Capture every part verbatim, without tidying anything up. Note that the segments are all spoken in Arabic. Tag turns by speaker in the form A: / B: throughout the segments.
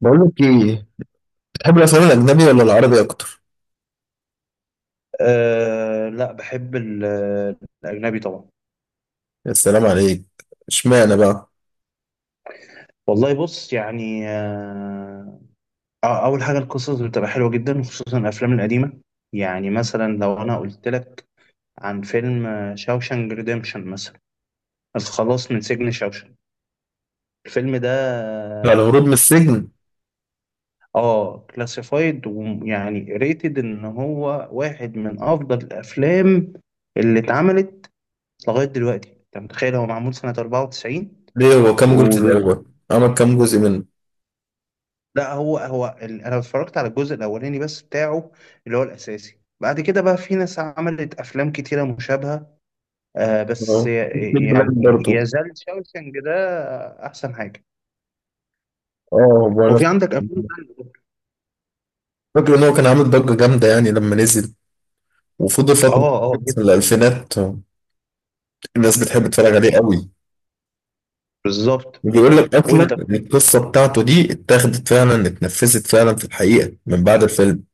A: بقول لك ايه؟ بتحب الافلام الاجنبي ولا العربي اكتر؟
B: أه لا بحب ال- الأجنبي طبعا.
A: يا سلام عليك. اشمعنى بقى؟
B: والله بص يعني آه، أول حاجة القصص بتبقى حلوة جدا، خصوصا الأفلام القديمة. يعني مثلا لو أنا قلت لك عن فيلم شاوشانج ريديمشن مثلا، الخلاص من سجن شاوشانج، الفيلم ده
A: بقى الهروب من السجن.
B: اه كلاسيفايد ويعني ريتد، إن هو واحد من أفضل الأفلام اللي اتعملت لغاية دلوقتي. أنت متخيل؟ هو معمول سنة أربعة وتسعين.
A: ليه؟ هو كام جزء؟ الاول عمل كام جزء منه؟
B: لا، هو هو ال... انا اتفرجت على الجزء الاولاني بس بتاعه، اللي هو الاساسي. بعد كده بقى في ناس عملت افلام كتيره مشابهه. آه بس
A: اه، في
B: ي-
A: بلاك
B: يعني
A: برضه.
B: يزال شاوشنج ده احسن حاجه.
A: اه. هو أنا
B: وفي عندك افلام تانية.
A: فاكر ان هو كان عامل ضجه جامده يعني لما نزل وفضل
B: اه،
A: فتره
B: اه، جدا.
A: في الالفينات. الناس بتحب تتفرج عليه قوي.
B: بالظبط،
A: بيقول لك
B: بالظبط.
A: اصلا
B: وانت،
A: إن القصه بتاعته دي اتاخدت فعلا، اتنفذت فعلا في الحقيقه من بعد الفيلم.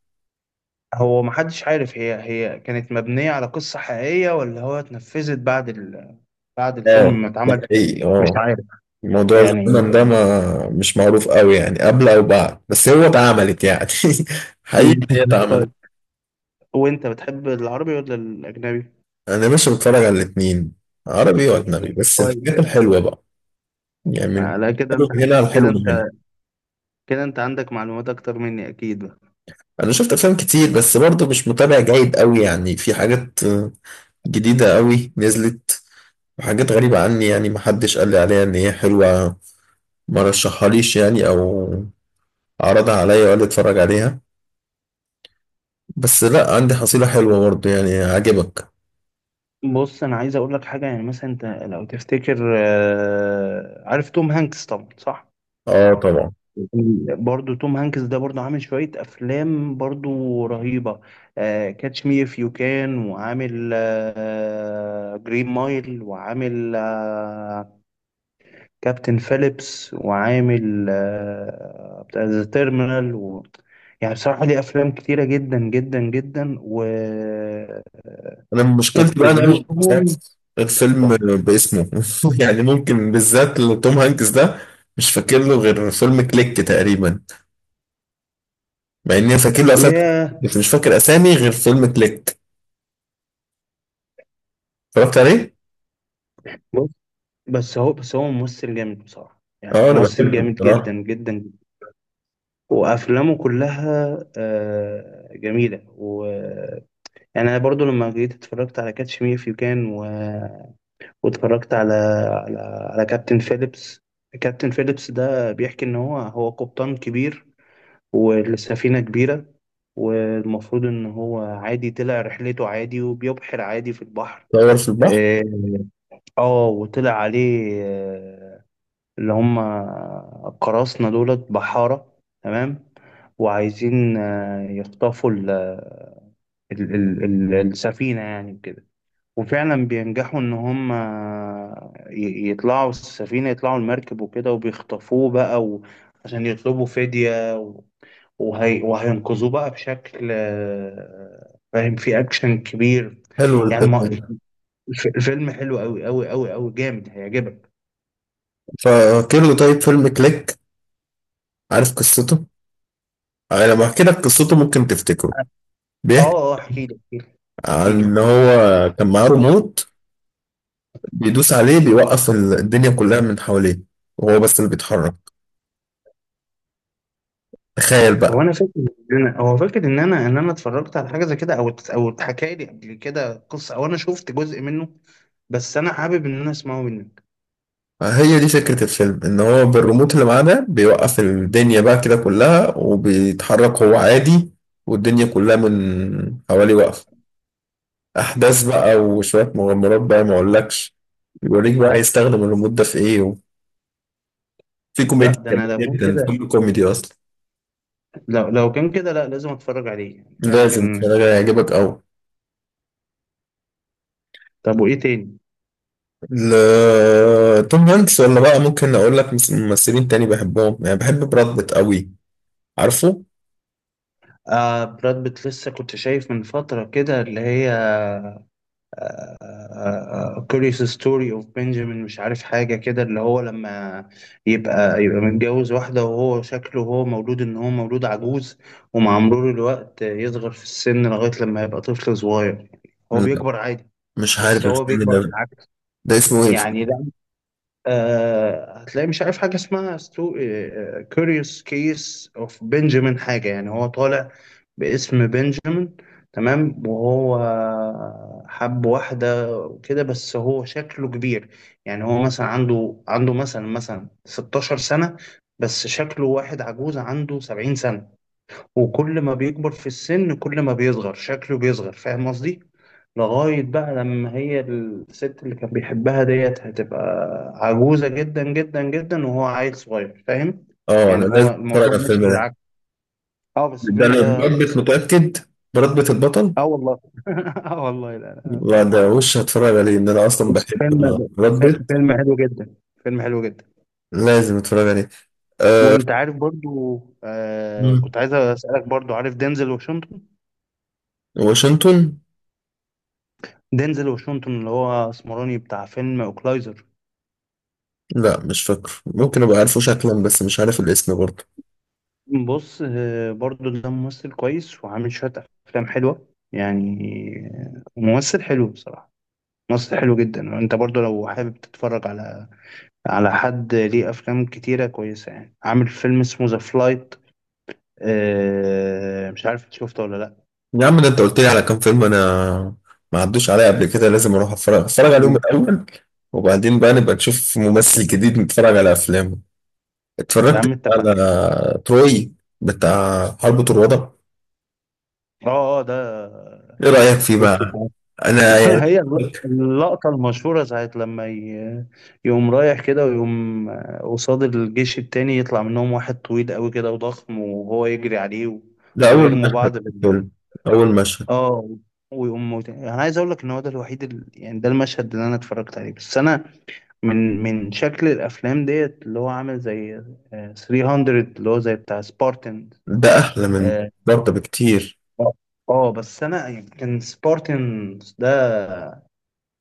B: هو محدش عارف هي هي كانت مبنيه على قصه حقيقيه، ولا هو اتنفذت بعد ال... بعد الفيلم
A: اه
B: ما
A: ده
B: اتعمل.
A: حقيقي
B: مش
A: اه.
B: عارف.
A: موضوع
B: يعني.
A: الزمن ده ما مش معروف قوي يعني قبل او بعد، بس هو اتعملت يعني. حقيقي إن هي اتعملت.
B: طيب، وانت بتحب العربي ولا الاجنبي؟
A: انا مش بتفرج على الاتنين، عربي واجنبي بس الحاجات الحلوه بقى، يعني من
B: آه، لا، كده انت
A: حلو من هنا الحلو
B: كده انت
A: من هنا.
B: كده انت عندك معلومات اكتر مني اكيد بقى.
A: انا شفت افلام كتير بس برضه مش متابع جيد قوي، يعني في حاجات آه، جديده قوي نزلت، وحاجات غريبه عني يعني ما حدش قال لي عليها ان هي حلوه، ما رشحهاليش يعني، او عرضها عليا وقال لي اتفرج عليها. بس لا، عندي حصيله حلوه برضه يعني عجبك.
B: بص انا عايز اقول لك حاجه، يعني مثلا انت لو تفتكر، آه، عارف توم هانكس طبعا، صح؟
A: اه طبعا.
B: برضو توم هانكس ده برضو عامل شويه افلام برضو رهيبه: كاتش مي اف يو كان، وعامل جرين مايل، وعامل آه، كابتن فيليبس، وعامل آه، بتاع ذا تيرمينال. و... يعني بصراحة ليه أفلام كتيرة جدا جدا جدا، و...
A: انا مشكلتي بقى ان انا مش بعرف
B: وكلهم.
A: الفيلم باسمه. يعني ممكن بالذات لتوم هانكس ده، مش فاكر له غير فيلم كليك تقريبا، مع اني فاكر له اسامي
B: ياه.
A: بس مش فاكر اسامي غير فيلم كليك. اتفرجت عليه؟
B: بص- بس هو بس هو ممثل جامد بصراحة، يعني
A: اه انا
B: ممثل
A: بحبه
B: جامد جدا
A: بصراحه.
B: جدا. وأفلامه كلها آه، جميلة. و يعني أنا برضو لما جيت اتفرجت على كاتش مي إف يو كان، واتفرجت على على على كابتن فيليبس. كابتن فيليبس ده بيحكي ان هو هو قبطان كبير، والسفينة كبيرة، والمفروض ان هو عادي طلع رحلته عادي وبيبحر عادي في البحر.
A: طير في البحر.
B: اه، آه، وطلع عليه آه، اللي هم القراصنة دولت بحارة، تمام. وعايزين آه، يخطفوا ال- ال- ال- ال- السفينة يعني كده. وفعلا بينجحوا ان هم ي- يطلعوا السفينة، يطلعوا المركب وكده، وبيخطفوه بقى، و... عشان يطلبوا فدية و... وهي... وهينقذوه بقى بشكل، آه، فاهم، في اكشن كبير.
A: حلو
B: يعني
A: الفيلم
B: ما...
A: ده.
B: الف- الفيلم حلو قوي قوي قوي قوي جامد، هيعجبك.
A: فاكر له طيب فيلم كليك؟ عارف قصته؟ أنا لما احكي لك قصته ممكن تفتكره.
B: اه،
A: بيحكي
B: اه، آه، احكي لي، احكي لي،
A: عن
B: احكي
A: ان
B: لي.
A: هو كان معاه ريموت، بيدوس عليه بيوقف ال- الدنيا كلها من حواليه، وهو بس اللي بيتحرك. تخيل
B: هو
A: بقى.
B: انا فاكر ان انا هو فاكر ان انا ان انا اتفرجت على حاجه زي كده، او او اتحكى لي قبل كده قصه، او انا شفت جزء منه. بس انا حابب ان انا اسمعه منك.
A: هي دي فكرة الفيلم، ان هو بالريموت اللي معاه ده بيوقف الدنيا بقى كده كلها وبيتحرك هو عادي، والدنيا كلها من حواليه واقفة. احداث بقى وشوية مغامرات بقى ما اقولكش، بيوريك بقى هيستخدم الريموت ده في ايه، وفي
B: لا
A: كوميديا
B: ده انا
A: جميل
B: لو كان
A: جدا،
B: كده،
A: فيلم كوميدي اصلا.
B: لو لو كان كده، لا، لازم اتفرج عليه، يعني
A: لازم
B: ممكن.
A: تتفرج عليه، هيعجبك قوي.
B: طب وايه تاني؟
A: ل- توم هانكس، ولا بقى ممكن اقول لك مس- ممثلين تاني بحبهم؟ يعني بحب براد بيت قوي. عارفه؟
B: آه براد بيت، لسه كنت شايف من فترة كده اللي هي كوريوس ستوري اوف بنجامين، مش عارف حاجة كده، اللي هو لما يبقى يبقى متجوز واحدة، وهو شكله هو مولود ان هو مولود عجوز، ومع مرور الوقت يصغر في السن لغاية لما يبقى طفل صغير. هو
A: لا
B: بيكبر عادي،
A: مش
B: بس
A: عارف
B: هو
A: الفيلم
B: بيكبر
A: ده.
B: بالعكس
A: ده اسمه ايه الفيلم؟
B: يعني، لا. آه، هتلاقي مش عارف حاجة اسمها ستو كوريوس كيس اوف بنجامين حاجة، يعني هو طالع باسم بنجامين، تمام. وهو حب واحدة وكده، بس هو شكله كبير، يعني هو مثلا عنده عنده مثلا مثلا ستاشر سنة، بس شكله واحد عجوز عنده سبعين سنة. وكل ما بيكبر في السن كل ما بيصغر، شكله بيصغر، فاهم قصدي؟ لغاية بقى لما هي الست اللي كان بيحبها ديت هتبقى عجوزة جدا جدا جدا، وهو عيل صغير، فاهم؟
A: اه انا
B: يعني
A: لازم
B: هو
A: اتفرج على
B: الموضوع
A: الفيلم
B: ماشي
A: ده.
B: بالعكس. اه بس
A: ده
B: الفيلم
A: أنا
B: ده
A: براد بيت
B: قصته،
A: متأكد، براد بيت البطل.
B: اه والله. اه والله، لا، لا، أنا
A: لا
B: متأكد.
A: ده وش هتفرج عليه ان انا اصلا
B: بس
A: بحب
B: فيلم
A: براد بيت.
B: فيلم حلو جدا، فيلم حلو جدا.
A: لازم اتفرج عليه.
B: وانت عارف برضو، آه
A: مم.
B: كنت عايز اسألك، برضو عارف دينزل واشنطن؟
A: واشنطن.
B: دينزل واشنطن اللي هو اسمراني بتاع فيلم اوكلايزر.
A: لا مش فاكر، ممكن ابقى عارفه شكلا بس مش عارف الاسم برضه.
B: بص، آه، برضو ده ممثل كويس وعامل شوية أفلام حلوة يعني، آه، ممثل حلو بصراحة، ممثل حلو جدا. وانت برضو لو حابب تتفرج على على حد ليه أفلام كتيرة كويسة، يعني عامل فيلم اسمه ذا فلايت، مش عارف إنت شفته ولا لأ.
A: يا عم ده انت قلت لي على كام فيلم، انا ما عدوش عليا قبل كده، لازم اروح اتفرج اتفرج عليهم الاول، وبعدين بقى نبقى نشوف ممثل جديد نتفرج على افلامه.
B: يا
A: اتفرجت
B: عم اتفقنا.
A: على تروي بتاع حرب طروادة؟
B: اه، اه، ده
A: ايه رأيك فيه بقى؟
B: شفته.
A: انا يعني
B: هي الل- اللقطة المشهورة، ساعة لما ي- يقوم رايح كده، ويقوم قصاد الجيش التاني يطلع منهم واحد طويل قوي كده وضخم، وهو يجري عليه، و-
A: ده اول
B: ويرموا
A: مشهد
B: بعض
A: في
B: بال...
A: الفيلم، اول مشهد.
B: اه. ويقوم موت- انا عايز اقول لك ان هو ده الوحيد ال... يعني ده المشهد اللي انا اتفرجت عليه، بس انا من من شكل الافلام ديت اللي هو عامل زي آه، ثلاثمية، اللي هو زي بتاع سبارتن.
A: ده احلى من
B: اه،
A: برضه بكتير.
B: آه، آه، بس انا يعني كان سبارتن ده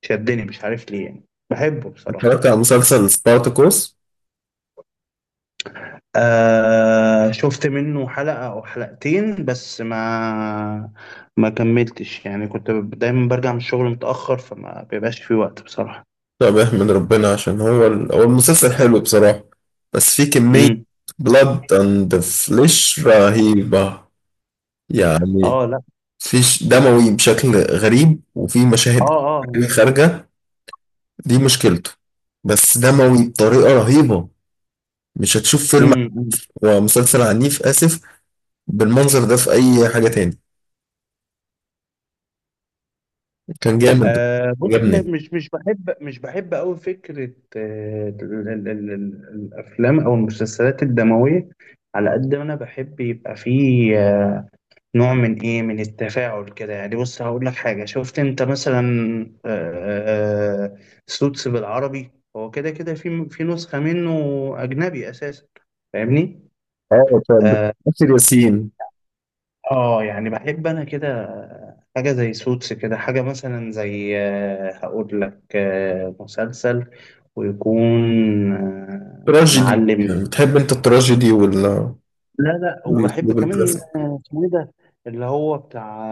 B: شدني، مش عارف ليه، يعني بحبه بصراحة
A: اتفرجت على
B: يعني.
A: مسلسل سبارتاكوس؟
B: آه شفت منه حلقة أو حلقتين، بس ما ما كملتش، يعني كنت دايما برجع من الشغل متأخر، فما بيبقاش في وقت بصراحة.
A: طب احمد ربنا عشان هو ال... هو المسلسل حلو بصراحة. بس في كمية
B: امم.
A: بلاد اند فليش رهيبة يعني،
B: اه، لا.
A: فيش دموي بشكل غريب وفي
B: اه،
A: مشاهد دموية
B: اه.
A: خارجة، دي مشكلته. بس دموي بطريقة رهيبة، مش هتشوف فيلم
B: امم.
A: ومسلسل عنيف آسف بالمنظر ده في أي حاجة تاني. كان جامد.
B: آه بص،
A: عجبني.
B: م- مش مش بحب مش بحب أوي فكرة آه ال- ال- ال- ال- الأفلام أو المسلسلات الدموية. على قد ما أنا بحب يبقى فيه نوع من ايه، من التفاعل كده يعني. بص هقول لك حاجه، شفت انت مثلا آه، آه، سوتس بالعربي؟ هو كده كده، في في نسخه منه اجنبي اساسا، فاهمني؟
A: اه طب.
B: اه،
A: آسر ياسين.
B: آه، يعني بحب انا كده حاجه زي سوتس كده، حاجه مثلا زي آه، هقول لك، آه، مسلسل ويكون آه،
A: تراجيدي
B: معلم.
A: يعني، بتحب انت التراجيدي ولا
B: لا، لا،
A: وال-
B: وبحب كمان،
A: والكلاسيك؟
B: آه، اسمه ايه ده اللي هو بتاع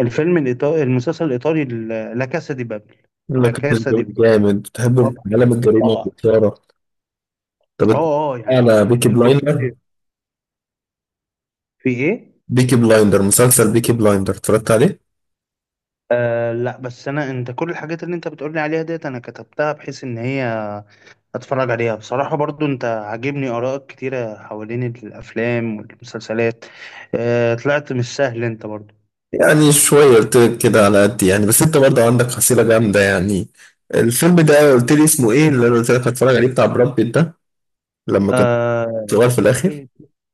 B: الفيلم الإيطالي، المسلسل الإيطالي، ال- لا كاسا دي بابل.
A: يقول
B: لا
A: لك أنا
B: كاسا دي
A: زويل
B: بابل،
A: جامد، بتحب
B: طبعا،
A: عالم الجريمة
B: طبعا.
A: والإثارة؟ طب
B: اه،
A: أنت
B: اه، يعني
A: على بيكي بلايندر؟
B: البروفيتير، في ايه؟
A: بيكي بلايندر، مسلسل بيكي بلايندر اتفرجت عليه؟
B: آه لا، بس انا انت كل الحاجات اللي انت بتقولي عليها ديت انا كتبتها بحيث ان هي اتفرج عليها بصراحة، برضو انت عاجبني ارائك كتيرة حوالين الافلام والمسلسلات. آه طلعت مش سهل انت برضو.
A: يعني شوية قلت لك كده على قد يعني، بس أنت برضه عندك حصيلة جامدة يعني. الفيلم ده قلت لي اسمه إيه، اللي أنا قلت لك هتفرج عليه بتاع براد بيت ده لما كان
B: آه،
A: صغير في الآخر؟
B: إيه.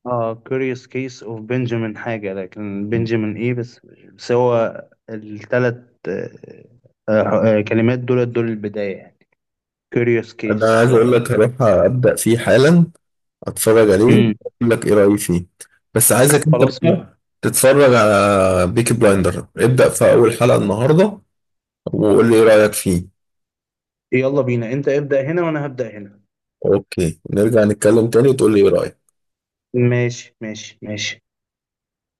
B: اه كوريوس كيس اوف بنجامين حاجة، لكن بنجامين ايه؟ بس بس هو الثلاث كلمات دول دول البداية، يعني كوريوس
A: أنا عايز
B: كيس.
A: أقول لك هروح أبدأ فيه حالا أتفرج عليه، أقول
B: امم.
A: لك إيه رأيي فيه. بس عايزك أنت
B: خلاص.
A: بقى تتفرج على بيكي بلايندر، ابدأ في أول حلقة النهاردة وقول لي ايه رأيك فيه.
B: يلا بينا، انت ابدأ هنا وانا هبدأ هنا.
A: اوكي نرجع نتكلم تاني وتقول لي ايه رأيك.
B: ماشي، ماشي، ماشي.